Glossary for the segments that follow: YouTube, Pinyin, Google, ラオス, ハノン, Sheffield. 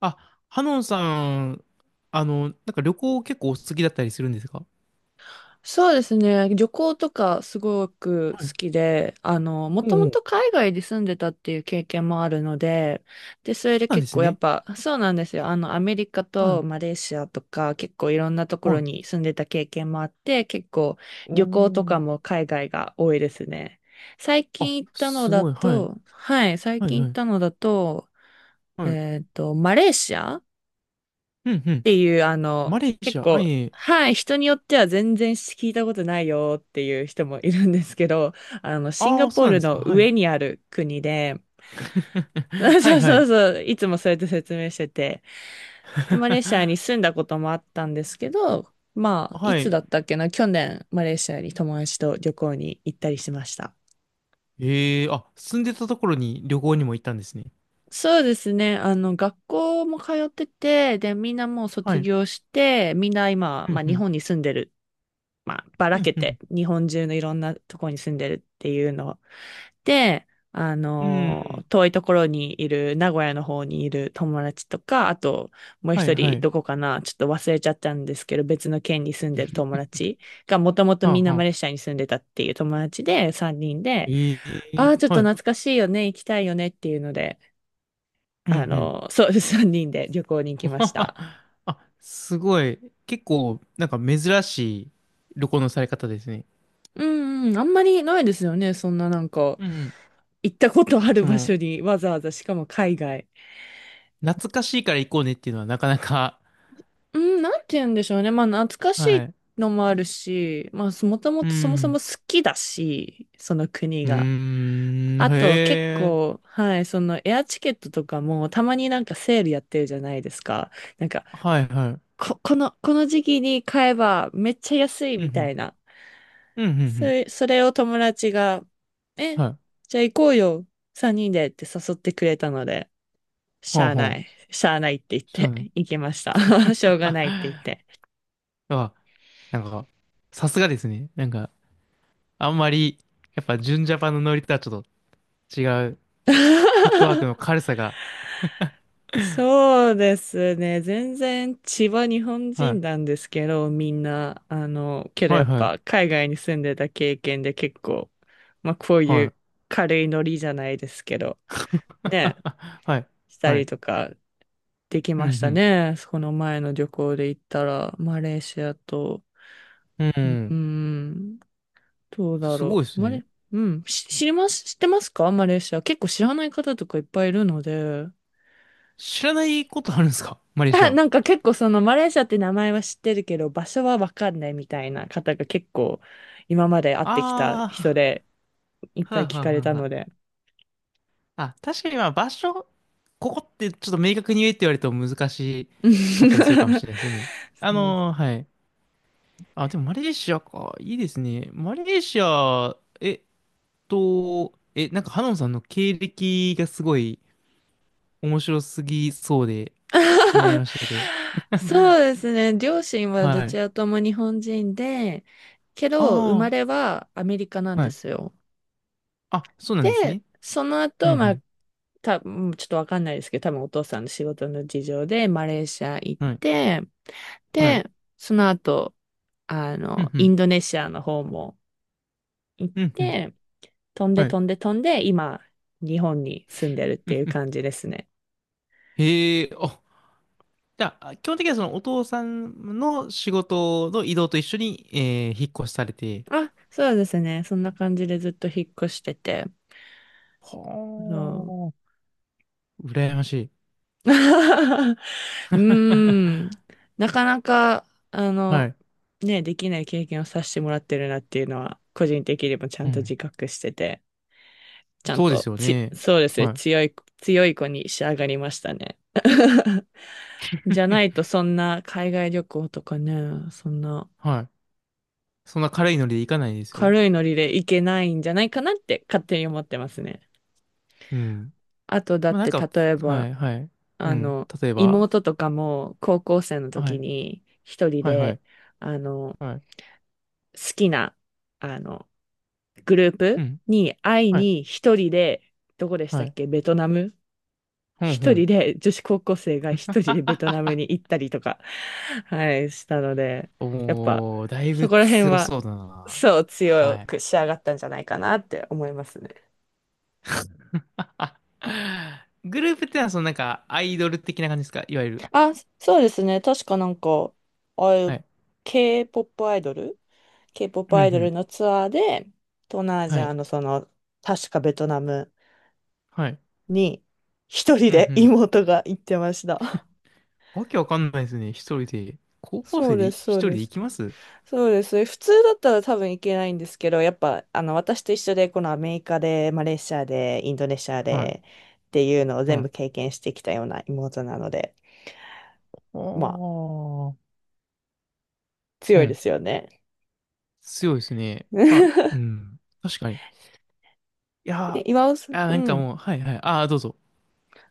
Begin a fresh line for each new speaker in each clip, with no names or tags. あ、ハノンさん、なんか旅行結構お好きだったりするんですか？
そうですね。旅行とかすごく
はい。
好きで、も
お
と
う
も
おう、
と海外で住んでたっていう経験もあるので、で、それ
そう
で
なんで
結
す
構やっ
ね。
ぱ、そうなんですよ。あの、アメリカ
は
と
い。
マレーシアとか、結構いろんなとこ
は
ろ
い。
に住んでた経験もあって、結構
お
旅行とか
お。
も海外が多いですね。最
あ、
近行ったの
す
だ
ごい。はい。
と、はい、最
はい、
近
は
行っ
い。
たのだと、
はい。
マレーシア
うん、う
っ
ん。
ていう、
マレーシ
結
ア、は
構、
いえいえ。
はい、人によっては全然聞いたことないよっていう人もいるんですけど、あの、シン
あ
ガ
あ、
ポ
そ
ー
うなん
ル
ですか。
の
はい。
上にある国で、
は
そ
い、
う
は
そう
い。
そういつもそうやって説明してて、で、マレーシアに 住んだこともあったんですけど、まあ、い
は
つだ
い。
ったっけな、去年、マレーシアに友達と旅行に行ったりしました。
ええあ、住んでたところに旅行にも行ったんですね。
そうですね。あの、学校も通ってて、で、みんなもう
は
卒
い。
業して、みんな今、
う
ま
ん、
あ、
う
日
ん。
本に住んでるまあ、ば
う
ら
ん、
け
う
て、
ん。
日本中のいろんなとこに住んでるっていうの。で、あ
うん。
の、遠いところにいる、名古屋の方にいる友達とか、あと、もう
は
一
い、は
人、
い。
どこかな、ちょっと忘れちゃったんですけど、別の県に住んでる友達が、もともと
はあ、
みん
は
なマレーシ
あ。
アに住んでたっていう友達で、3人で、
え
あ
え
あ、ちょっと
はい。
懐かしいよね、行きたいよねっていうので、
うん、う
あ
ん。
の、そう、3人で旅行に行きまし た。
あ、すごい。結構、なんか珍しい旅行のされ方ですね。
うんうん、あんまりないですよね。そんななんか、
うんうん。
行ったことある
そ
場
の、
所にわざわざ、しかも海外。
懐かしいから行こうねっていうのはなかなか、
うん、なんて
き
言うんでしょうね。まあ、懐かし
はい。
いのもあるし、まあ、もとも
う
とそもそも
ん。
好きだし、その国
う
が。
ーん、
あ
へ
と、結
え。
構、はい、そのエアチケットとかも、たまになんかセールやってるじゃないですか。なんか、
はいはい。
この時期に買えばめっちゃ安い
う
みた
ん、
いな。
うん。うん、うん、うん。
それを友達が、え、
はい。
じゃあ行こうよ、三人でって誘ってくれたので、
ほうほう。
しゃあないって言っ
そう
て、
ね。
行きました。しょうがないって言っ
あ、
て。
あ、なんか、さすがですね。なんか、あんまり、やっぱ、純ジャパンのノリとはちょっと違う、フットワーク の軽さが、
そうですね。全然千葉日本
は
人
い。
なんですけど、みんな、あの、けど
は
や
い
っ
はい。
ぱ海外に住んでた経験で結構、まあこうい
は
う
い。
軽いノリじゃないですけど、ね、
はい。
した
は
り
い。
とかでき
う
ました
ん、
ね。この前の旅行で行ったら、マレーシアと、
うん。う
うー
ん。
ん、どうだ
すご
ろ
いで
う。
すね。
うん、知ります、知ってますかマレーシア？結構知らない方とかいっぱいいるので。
知らないことあるんですか、マ レーシ
あ
アを？
なんか結構そのマレーシアって名前は知ってるけど、場所はわかんないみたいな方が結構今まで会ってきた
あ
人
あ、
で いっ
は
ぱ
い
い聞
はい
かれ
は
た
いは
ので。
い。あ、確かにまあ場所、ここってちょっと明確に言えって言われると難しかったりす るかもしれないですね。
そう
はい。あ、でもマレーシアか。いいですね。マレーシア、なんかハノンさんの経歴がすごい面白すぎそうで気になり ましたけど。
そうですね。両親はど
は
ち
い。
らとも日本人で、け
あ
ど生ま
あ。
れはアメリカなん
は
で
い
すよ。
あ、そうなんです
で、
ね。
その
う
後、まあ、
ん
うんちょっとわかんないですけど、多分お父さんの仕事の事情でマレーシア行っ
うん。はい。
て、
はい。
で、その後、
うんう
イ
ん。
ンドネシアの方も行っ
うんうん。
て、飛んで
はい。
飛んで飛んで、今、日本に住んでるっ
う
て
ん
いう
うん、
感じですね。
へえ、あ、じゃあ、基本的にはそのお父さんの仕事の移動と一緒に、引っ越しされて。
あ、そうですね。そんな感じでずっと引っ越してて。そう。
はあ、羨ましい。
うーん。なかなか、
はい。
ね、できない経験をさせてもらってるなっていうのは、個人的にもちゃ
う
んと
ん。
自覚してて、ちゃん
そうです
と
よ
つ、
ね。
そうですね、
はい。
強い子に仕上がりましたね。
う
じゃ
ん
ないと、そんな海外旅行とかね、そんな
はい。そんな軽いノリでいかないですよ。
軽いノリで行けないんじゃないかなって勝手に思ってますね。
うん。
あと、だ
まあ、
っ
なん
て、
か、
例え
は
ば、
い、はい。う
あ
ん。
の、
例えば、
妹とかも高校生の
は
時
い、
に一人
はい、はい、
で、あの、
はい。
好きな、あの、グルー
う
プ
ん。
に会い
はい、
に一人で、どこでした
は
っ
い。
け、ベトナム
ほんほ
一人
ん。
で、女子高校生が一人でベトナム に行ったりとか、はい、したので、やっぱ、
おー、だい
そ
ぶ
こら辺
強
は、
そうだな。
そう
は
強
い。
く仕上がったんじゃないかなって思いますね。
あ、グループってのは、なんか、アイドル的な感じですか、いわゆる？
あ、そうですね。確かなんか、ああい
は
う
い。
K-POP アイドル
う
K-POP
んう
アイドル
ん。
のツアーで、東南アジ
は
ア
い。
のその、確かベトナム
はい。
に一人
うんう
で
ん。
妹が行ってました。
わけわかんないですね。一人で。高校
そう
生で
です、
一
そう
人
で
で行
す。
きます？
そうです。普通だったら多分行けないんですけど、やっぱ、私と一緒で、このアメリカで、マレーシアで、インドネシア
はい。
で、っていうのを
は
全部
い。
経験してきたような妹なので、
お
まあ、
ー。う
強いで
ん。
すよね。
強いですね。まあ、う ん。確かに。いやー、
え
い
岩尾さん、
やー
う
なんか
ん。
もう、はいはい。ああ、どうぞ。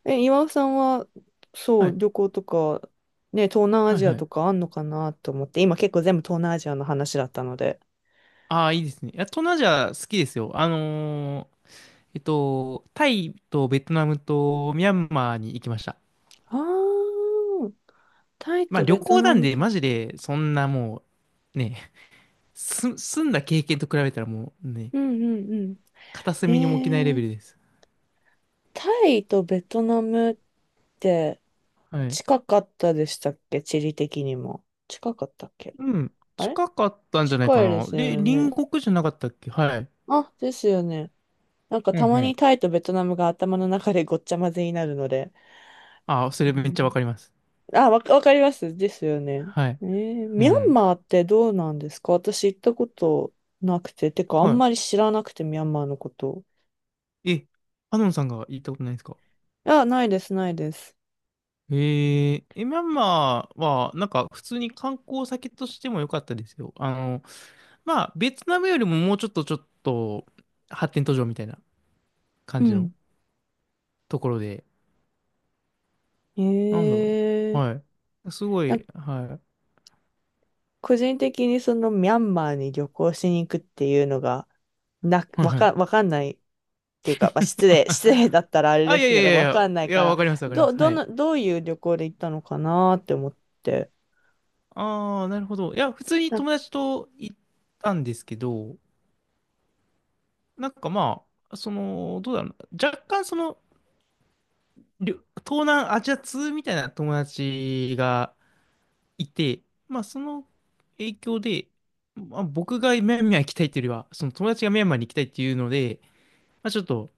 え、岩尾さんは、そ
は
う、
い。
旅行とか、ね、東南ア
はい
ジア
はい。
とかあんのかなと思って、今結構全部東南アジアの話だったので。
ああ、いいですね。いや、東南アジア好きですよ。タイとベトナムとミャンマーに行きました。
ああ、タイ
まあ
と
旅
ベト
行
ナ
なん
ム
で、
と。う
マ
ん
ジで、そんなもう、ね、住んだ経験と比べたらもうね、
うんうん。
片
へ
隅にも置けないレベ
え、
ルです。
タイとベトナムって
はい。
近かったでしたっけ地理的にも。近かったっけ
うん。
あれ
近かったんじゃないか
近いで
な。
す
で、
よ
隣
ね。
国じゃなかったっけ？はい。
あ、ですよね。なんか
うんう
たま
ん。
にタイとベトナムが頭の中でごっちゃ混ぜになるので。
ああ、そ
う
れめっちゃわ
ん
かります。
あ、わかります。ですよね。
はい。
えー
う
ミャン
ん。
マーってどうなんですか？私行ったことなくて、てかあん
は
まり知らなくて、ミャンマーのこと。
い。え、アノンさんが行ったことないですか？
あ、ないです。
えええミャンマーは、なんか普通に観光先としても良かったですよ。まあ、ベトナムよりももうちょっと発展途上みたいな感
う
じの
ん。
ところで、
え
なんだろうな。は
ー、
い。すご
なんか
い、は
個人的にそのミャンマーに旅行しに行くっていうのが、
い。はいはい。
わかんないっていうか、まあ、失礼だったらあれ
あ、
で
いや
す
いや
け
い
ど、
やい
わ
や、
かんない
い
か
や、わ
ら、
かりますわかります。はい。
どういう旅行で行ったのかなって思って。
ああ、なるほど。いや、普通に
なんか
友達と行ったんですけど、なんかまあ、どうだろうな。若干りょ東南アジア通みたいな友達が、いて、まあその影響で、まあ、僕がミャンマー行きたいっていうよりは、その友達がミャンマーに行きたいっていうので、まあちょっと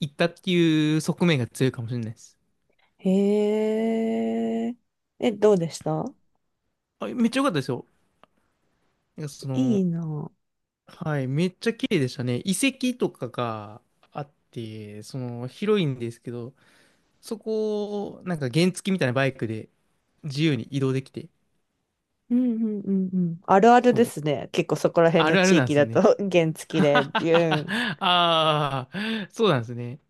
行ったっていう側面が強いかもしれないです。
へえ、え、どうでした
あ、めっちゃ良かったですよ。なんか
いいな。
はい、めっちゃ綺麗でしたね。遺跡とかがあって、その広いんですけど、そこをなんか原付みたいなバイクで自由に移動できて、
うんうんうんうん。あるある
そ
で
う、
すね。結構そこら辺
あ
の
るある
地
なんで
域
す
だ
ね。
と 原 付でビューン。
ああ、そうなんですね。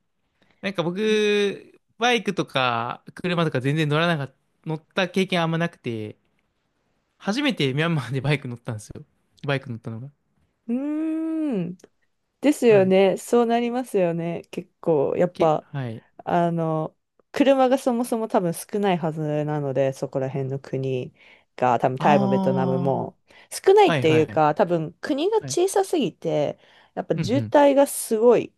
なんか
え
僕、バイクとか車とか全然乗らなかった、乗った経験あんまなくて、初めてミャンマーでバイク乗ったんですよ。バイク乗ったのが。
うーん。ですよ
はい。
ね。そうなりますよね。結構、やっぱ、
はい。
あの、車がそもそも多分少ないはずなので、そこら辺の国が、多分
あ
タイもベトナムも、少ない
あ、は
っ
い
て
は
いう
い。
か、多分国が
はい。
小さすぎて、やっぱ
うんう
渋
ん。
滞がすごい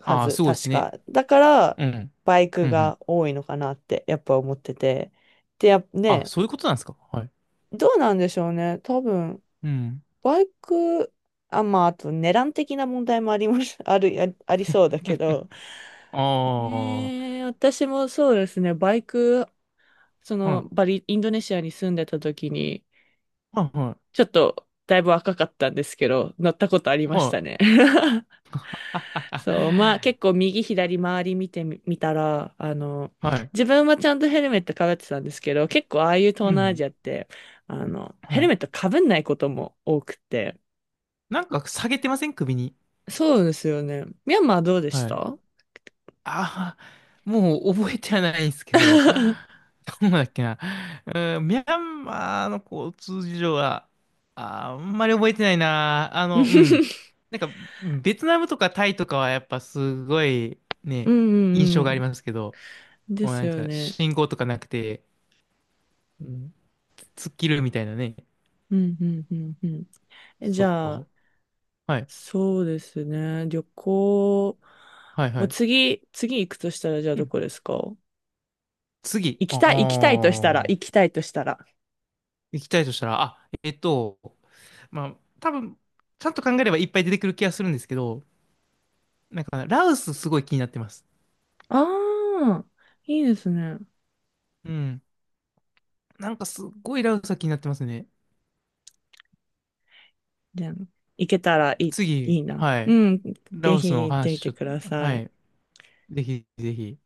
は
ああ、
ず、
すごいです
確
ね。
か。だから、
うん。
バイ
う
ク
んうん。
が多いのかなって、やっぱ思ってて。で、やっ
あ、
ね、
そういうことなんですか。はい。
どうなんでしょうね。多分、
うん。
バイク、あ、まあ、あと、値段的な問題もあります、ありそうだけど。
ああ、は
ねえ私もそうですね、バイク、その、
い。
バリ、インドネシアに住んでた時に、
はいは
ちょっと、だいぶ若かったんですけど、乗ったことあり
い。
まし
は
た
い。
ね。
あは
そう、まあ結構右左周り見てみ、見たら、
は、はい。
自分はちゃんとヘルメットかぶってたんですけど、結構ああいう東
う
南アジ
ん。
アって、ヘ
は
ル
い。
メットかぶんないことも多くて。
なんか下げてません、首に？
そうですよね。ミャンマーどうでし
はい。
た？
ああ、もう覚えてはないんですけど、
う
どうだっけな。うん、ミャンマーの交通事情は、あんまり覚えてないな。うん。
ん
なんか、ベトナムとかタイとかはやっぱすごい
う
ね、印
ん
象
う
があり
ん。
ますけど、
で
もう
す
なん
よ
か
ね。
信号とかなくて、うん、突っ切るみたいなね。
うんうんうんうん。えじ
そ
ゃあ、
う。はい。
そうですね。旅行、
はいは
もう
い。
次、次行くとしたら、じゃあ
う
ど
ん。
こですか？
次。ああ、行
行きたいとしたら。
きたいとしたら、あ、まあ、多分、ちゃんと考えればいっぱい出てくる気がするんですけど、なんか、ラウスすごい気になってます。
ああ、いいですね。
うん。なんかすっごいラウスは気になってますね。
じゃあ、行けたらいい、い
次、
いな。
は
う
い。
ん、
ラ
ぜ
オス
ひ
の
行ってみ
話、ち
て
ょっと、
くださ
は
い。
い。ぜひぜひ。